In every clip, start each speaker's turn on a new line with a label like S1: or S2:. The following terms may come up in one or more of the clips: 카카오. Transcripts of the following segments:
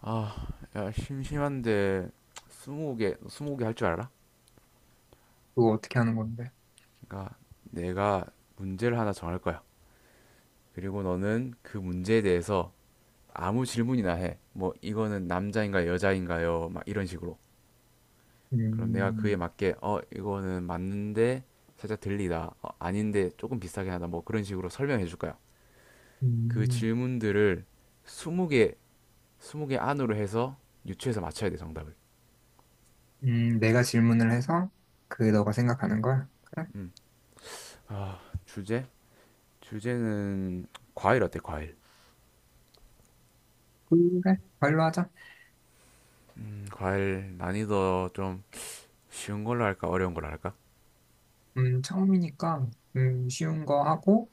S1: 아, 야, 심심한데, 20개 20개 할 줄 알아?
S2: 그거 어떻게 하는 건데?
S1: 그러니까 내가 문제를 하나 정할 거야. 그리고 너는 그 문제에 대해서 아무 질문이나 해. 뭐, 이거는 남자인가요, 여자인가요? 막 이런 식으로. 그럼 내가 그에
S2: 음,
S1: 맞게, 어, 이거는 맞는데 살짝 들리다. 어, 아닌데 조금 비슷하게 하다. 뭐 그런 식으로 설명해 줄 거야. 그
S2: 음,
S1: 질문들을 20개, 스무 개 안으로 해서 유추해서 맞춰야 돼, 정답을.
S2: 내가 질문을 해서 그 너가 생각하는 걸? 그래?
S1: 음. 아, 주제? 주제는 과일 어때, 과일?
S2: 그래? 과일로 하자.
S1: 과일 난이도 좀 쉬운 걸로 할까? 어려운 걸로 할까?
S2: 처음이니까 쉬운 거 하고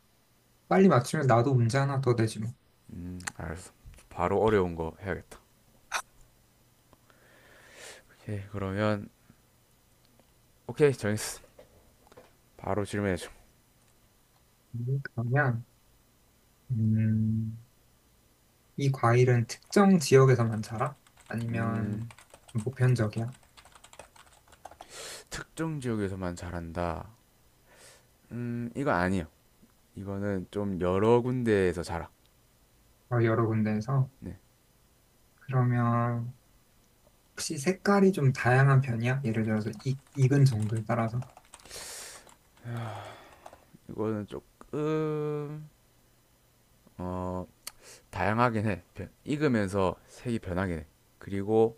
S2: 빨리 맞추면 나도 문제 하나 더 되지 뭐.
S1: 알았어. 바로 어려운 거 해야겠다. 오케이, 그러면 오케이, 정했어. 바로 질문해줘.
S2: 그러면 음, 이 과일은 특정 지역에서만 자라? 아니면 좀 보편적이야?
S1: 특정 지역에서만 자란다. 이건 아니에요. 이거는 좀 여러 군데에서 자라.
S2: 어, 여러 군데에서?
S1: 네,
S2: 그러면 혹시 색깔이 좀 다양한 편이야? 예를 들어서 익은 정도에 따라서?
S1: 이거는 조금 어, 다양하긴 해. 익으면서 색이 변하긴 해. 그리고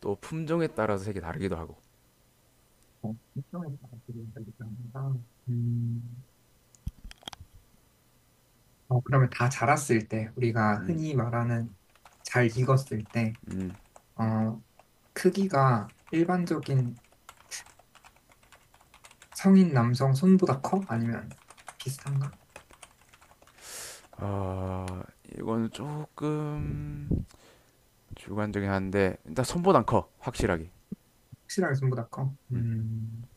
S1: 또 품종에 따라서 색이 다르기도 하고.
S2: 어, 일종의 방식이니까 음, 그러면 다 자랐을 때, 우리가 흔히 말하는 잘 익었을 때, 어, 크기가 일반적인 성인 남성 손보다 커? 아니면 비슷한가?
S1: 아, 이건 조금 주관적이긴 한데 일단 손보단 커 확실하게.
S2: 확실하게 손보다 커?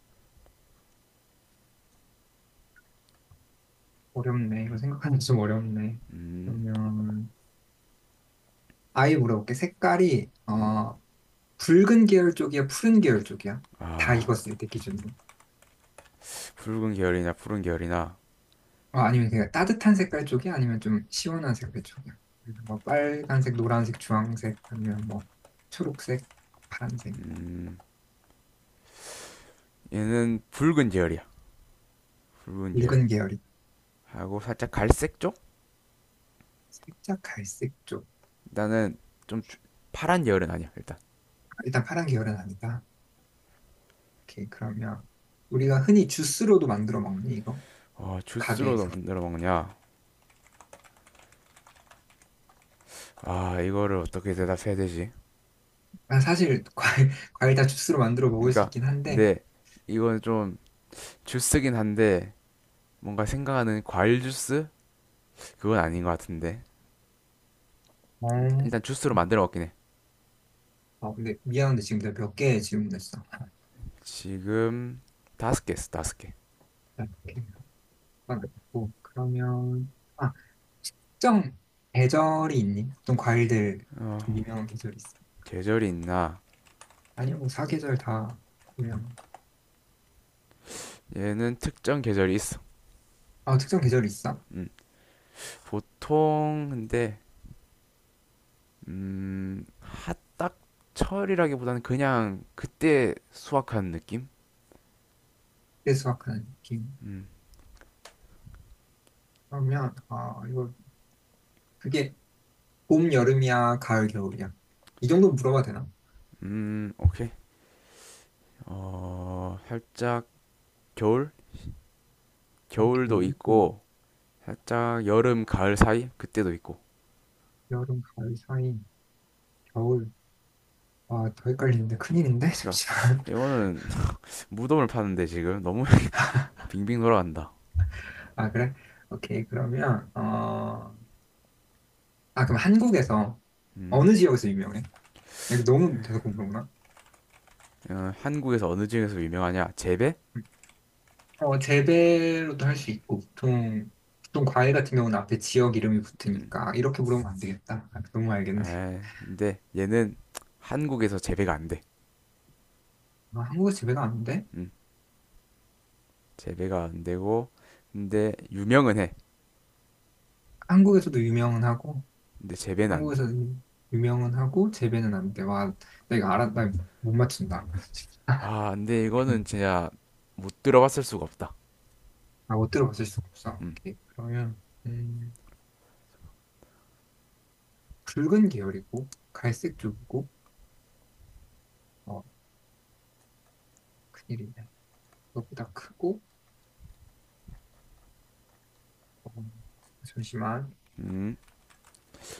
S2: 어렵네. 이거 생각하는 게 좀 어렵네. 그러면, 아예 물어볼게. 색깔이, 붉은 계열 쪽이야, 푸른 계열 쪽이야? 다 익었을 때 기준으로.
S1: 붉은 계열이냐 푸른 계열이나
S2: 어, 아니면 그냥 따뜻한 색깔 쪽이 아니면 좀 시원한 색깔 쪽이요. 그래서 뭐 빨간색, 노란색, 주황색 아니면 뭐 초록색, 파란색,
S1: 얘는 붉은 계열이야. 붉은 계열
S2: 붉은 계열이
S1: 하고 살짝 갈색 쪽?
S2: 살짝 갈색 쪽.
S1: 나는 좀 파란 계열은 아니야 일단.
S2: 아, 일단 파란 계열은 아니다. 오케이, 그러면 우리가 흔히 주스로도 만들어 먹니 이거?
S1: 어, 주스로도
S2: 가게에서.
S1: 만들어 먹냐. 아 이거를 어떻게 대답해야 되지.
S2: 아, 사실 과일 과일 다 주스로 만들어 먹을 수
S1: 그러니까
S2: 있긴 한데.
S1: 근데 이건 좀 주스긴 한데 뭔가 생각하는 과일 주스? 그건 아닌 것 같은데.
S2: 어.
S1: 일단 주스로 만들어 먹긴 해.
S2: 아, 근데 미안한데 지금 내가 몇 개 질문했어. 아,
S1: 지금 5개 있어, 5개.
S2: 자, 이렇게 막 있고 그러면. 아, 특정 계절이 있니? 보통 과일들
S1: 어,
S2: 좀 유명한 계절이 있어.
S1: 계절이 있나?
S2: 아니요, 뭐 사계절 다 유명.
S1: 얘는 특정 계절이 있어.
S2: 아, 특정 계절이 있어?
S1: 음, 보통 근데 음, 딱 철이라기보다는 그냥 그때 수확한 느낌?
S2: 그때 수확하는 느낌.
S1: 음,
S2: 그러면 아, 이거 그게 봄, 여름이야, 가을, 겨울이야. 이 정도 물어봐도 되나?
S1: 오케이. 어, 살짝 겨울? 겨울도
S2: 겨울,
S1: 있고 살짝 여름, 가을 사이? 그때도 있고.
S2: 여름, 가을 사이, 겨울. 아, 더 헷갈리는데 큰일인데
S1: 그러니까
S2: 잠시만.
S1: 이거는 무덤을 파는데 지금 너무 빙빙 돌아간다.
S2: 아, 그래? 오케이. 그러면 아, 그럼 한국에서
S1: 음,
S2: 어느 지역에서 유명해? 내가 너무 대놓고 물어보나?
S1: 어, 한국에서 어느 지역에서 유명하냐? 재배?
S2: 어, 재배로도 할 수 있고, 보통, 보통 과일 같은 경우는 앞에 지역 이름이 붙으니까, 이렇게 물으면 안 되겠다. 아, 너무 알겠네.
S1: 아, 근데 얘는 한국에서 재배가 안 돼.
S2: 아, 한국에 재배가 안 돼?
S1: 음, 재배가 안 되고, 근데 유명은 해.
S2: 한국에서도 유명은 하고,
S1: 근데 재배는
S2: 한
S1: 안
S2: 국에
S1: 돼.
S2: 서도 유명은 하고, 재배는 안 돼. 와, 나 이거 알아, 나못 맞춘다.
S1: 아, 근데 이거는 진짜 못 들어봤을 수가 없다.
S2: 아, 못 들어봤을 수가 없어.
S1: 음,
S2: 오케이. 그러면, 붉은 계열이고, 갈색 쪽이고, 어, 큰일이네. 그것보다 크고, 어, 잠시만,
S1: 음,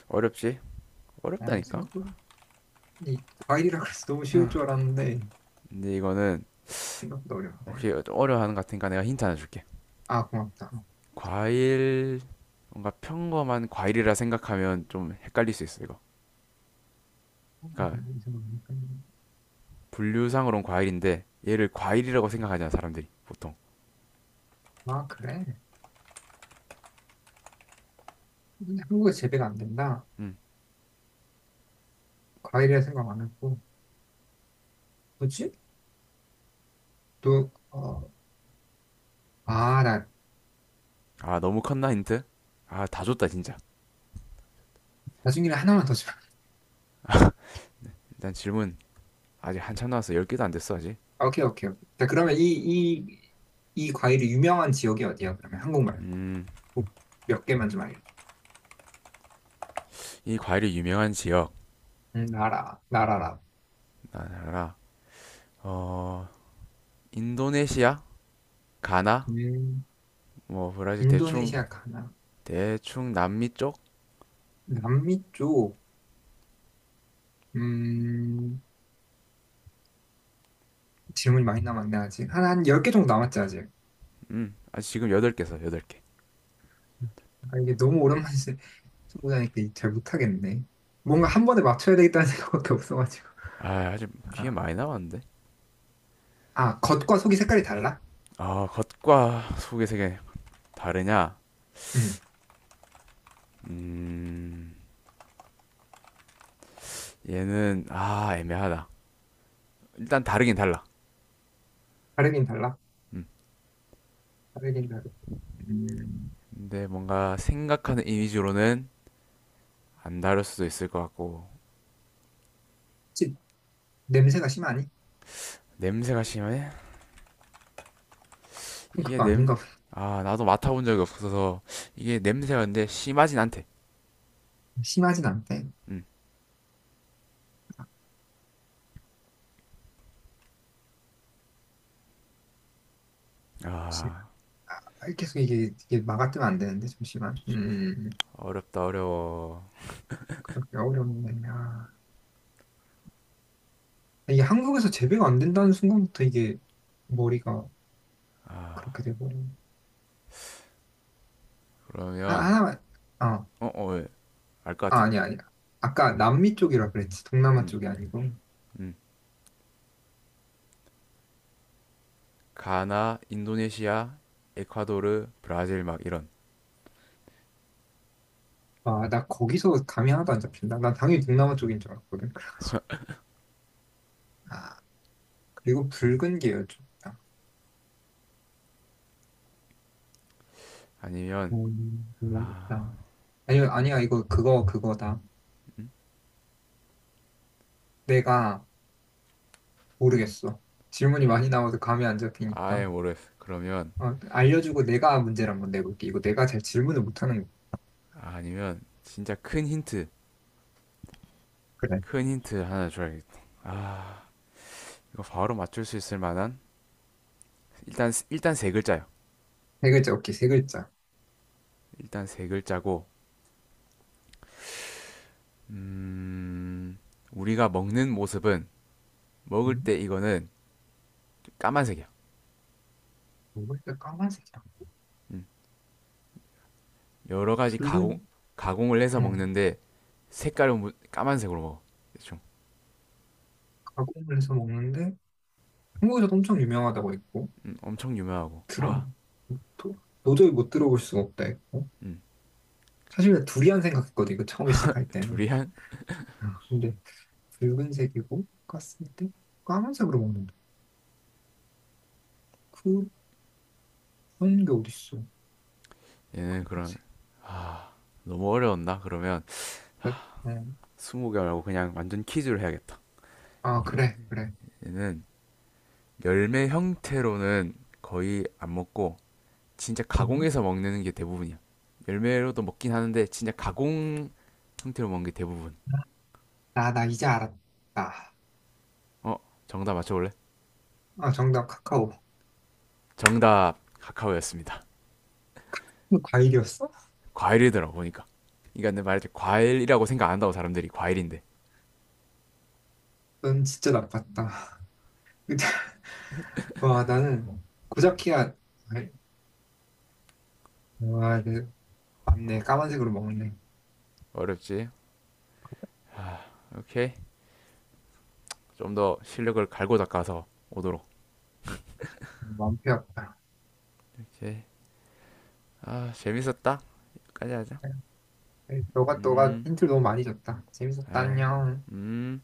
S1: 어렵지? 어렵다니까?
S2: 생각보다, 이 과일이라 그래서 너무
S1: 하,
S2: 쉬울 줄 알았는데,
S1: 근데 이거는
S2: 생각보다 어렵네.
S1: 혹시 어려워하는 것 같으니까 내가 힌트 하나 줄게.
S2: 아, 고맙다.
S1: 과일, 뭔가 평범한 과일이라 생각하면 좀 헷갈릴 수 있어, 이거.
S2: 어,
S1: 그러니까
S2: 그래, 이 생각하니까.
S1: 분류상으로는 과일인데 얘를 과일이라고 생각하잖아, 사람들이 보통.
S2: 아, 그래? 근데 한국에 재배가 안 된다.
S1: 음,
S2: 과일이라 생각 안 했고. 뭐지? 또, 아, 나
S1: 아, 너무 컸나, 힌트? 아, 다 줬다, 진짜.
S2: 나중에 하나만 더 줘.
S1: 일단 질문. 아직 한참 남왔어. 10개도 안 됐어, 아직.
S2: 오케이, 오케이, 오케이. 자, 그러면 이, 이 과일이 유명한 지역이 어디야? 그러면 한국말.
S1: 음,
S2: 뭐몇 개만 좀 알려줘.
S1: 이 과일이 유명한 지역.
S2: 나라라.
S1: 나라. 어, 인도네시아? 가나?
S2: 음,
S1: 뭐, 브라질, 대충,
S2: 인도네시아 가나.
S1: 대충 남미 쪽?
S2: 남미 쪽, 음, 질문이 많이 남았네, 아직. 한 10개 정도 남았지, 아직.
S1: 아, 지금 8개 써, 8개.
S2: 아, 이게 너무 오랜만에 초보자니까 잘 못하겠네. 뭔가 한 번에 맞춰야 되겠다는 생각밖에 없어가지고.
S1: 아, 아직 뒤에
S2: 아,
S1: 많이 남았는데?
S2: 아, 겉과 속이 색깔이 달라?
S1: 아, 겉과 속의 세계 다르냐?
S2: 음,
S1: 음, 얘는, 아, 애매하다. 일단 다르긴 달라.
S2: 다르긴 달라.
S1: 음,
S2: 다르긴 다르지. 음,
S1: 근데 뭔가 생각하는 이미지로는 안 다를 수도 있을 것 같고.
S2: 혹시 냄새가 심하니?
S1: 냄새가 심해?
S2: 그럼
S1: 이게
S2: 그거
S1: 냄...
S2: 아닌가 보다.
S1: 아 나도 맡아본 적이 없어서. 이게 냄새가 근데 심하진 않대.
S2: 심하진 않대.
S1: 음.
S2: 아, 심-
S1: 아
S2: 아, 계속 이게 막아뜨면 안 되는데, 잠시만.
S1: 어렵다 어려워.
S2: 그렇게 어렵네. 아, 이게 한국에서 재배가 안 된다는 순간부터 이게 머리가 그렇게 돼버려. 아,
S1: 그러면
S2: 하나만, 어,
S1: 어? 어? 왜? 알 것
S2: 아,
S1: 같아?
S2: 아니야, 아니야. 아까 남미 쪽이라 그랬지. 동남아
S1: 음,
S2: 쪽이 아니고.
S1: 음. 가나, 인도네시아, 에콰도르, 브라질 막 이런.
S2: 아, 나 거기서 감이 하나도 안 잡힌다. 난 당연히 동남아 쪽인 줄 알았거든. 그래가지고. 아, 그리고 붉은 게열쪽이다
S1: 아니면
S2: 너무 어렵다. 아니, 아니야, 이거 그거다. 내가 모르겠어. 질문이 많이 나와서 감이 안 잡히니까.
S1: 아예 모르겠어 그러면.
S2: 어, 알려주고 내가 문제를 한번 내볼게. 이거 내가 잘 질문을 못하는 거.
S1: 아니면 진짜 큰 힌트.
S2: 그래.
S1: 큰 힌트 하나 줘야겠다. 아 이거 바로 맞출 수 있을 만한. 일단 세 글자야.
S2: 세 글자, 오케이, 세 글자.
S1: 일단 세 글자고, 음, 우리가 먹는 모습은, 먹을
S2: 음?
S1: 때 이거는 까만색이야.
S2: 먹을 때 까만색이야.
S1: 음, 여러 가지
S2: 붉은,
S1: 가공을 해서
S2: 어,
S1: 먹는데, 색깔은 까만색으로 먹어. 대충.
S2: 가공을 해서 먹는데, 한국에서도 엄청 유명하다고 했고,
S1: 엄청 유명하고. 와,
S2: 들어, 도, 도저히 못 들어볼 수가 없다 했고.
S1: 음,
S2: 사실 두리안 생각했거든, 이거 처음에 시작할 때는.
S1: 두리안?
S2: 아, 근데 붉은색이고 깠을 때 까만색으로 먹는다. 그런 게 어딨어.
S1: 얘는 그런.
S2: 붉은색.
S1: 너무 어려웠나? 그러면,
S2: 어,
S1: 20개 말고 그냥 완전 퀴즈를 해야겠다.
S2: 아,
S1: 이거,
S2: 그래, 그래.
S1: 얘는 열매 형태로는 거의 안 먹고, 진짜
S2: 음.
S1: 가공해서 먹는 게 대부분이야. 열매로도 먹긴 하는데 진짜 가공 형태로 먹는 게 대부분.
S2: 아, 나 이제 알았다.
S1: 어, 정답 맞춰볼래?
S2: 아, 정답 카카오.
S1: 정답 카카오였습니다.
S2: 이거 과일이었어?
S1: 과일이더라 보니까. 그러니까 내 말했지 과일이라고 생각 안 한다고 사람들이. 과일인데
S2: 넌 진짜 나빴다. 근데 와, 나는 고자키야. 아이, 와, 네. 맞네. 까만색으로 먹네.
S1: 어렵지. 오케이 좀 더 실력을 갈고 닦아서 오도록.
S2: 마음 피 아프다.
S1: 이제 아 재밌었다. 여기까지 하자.
S2: 아이, 너가 힌트를 너무 많이 줬다. 재밌었다.
S1: 아,
S2: 안녕.
S1: 음.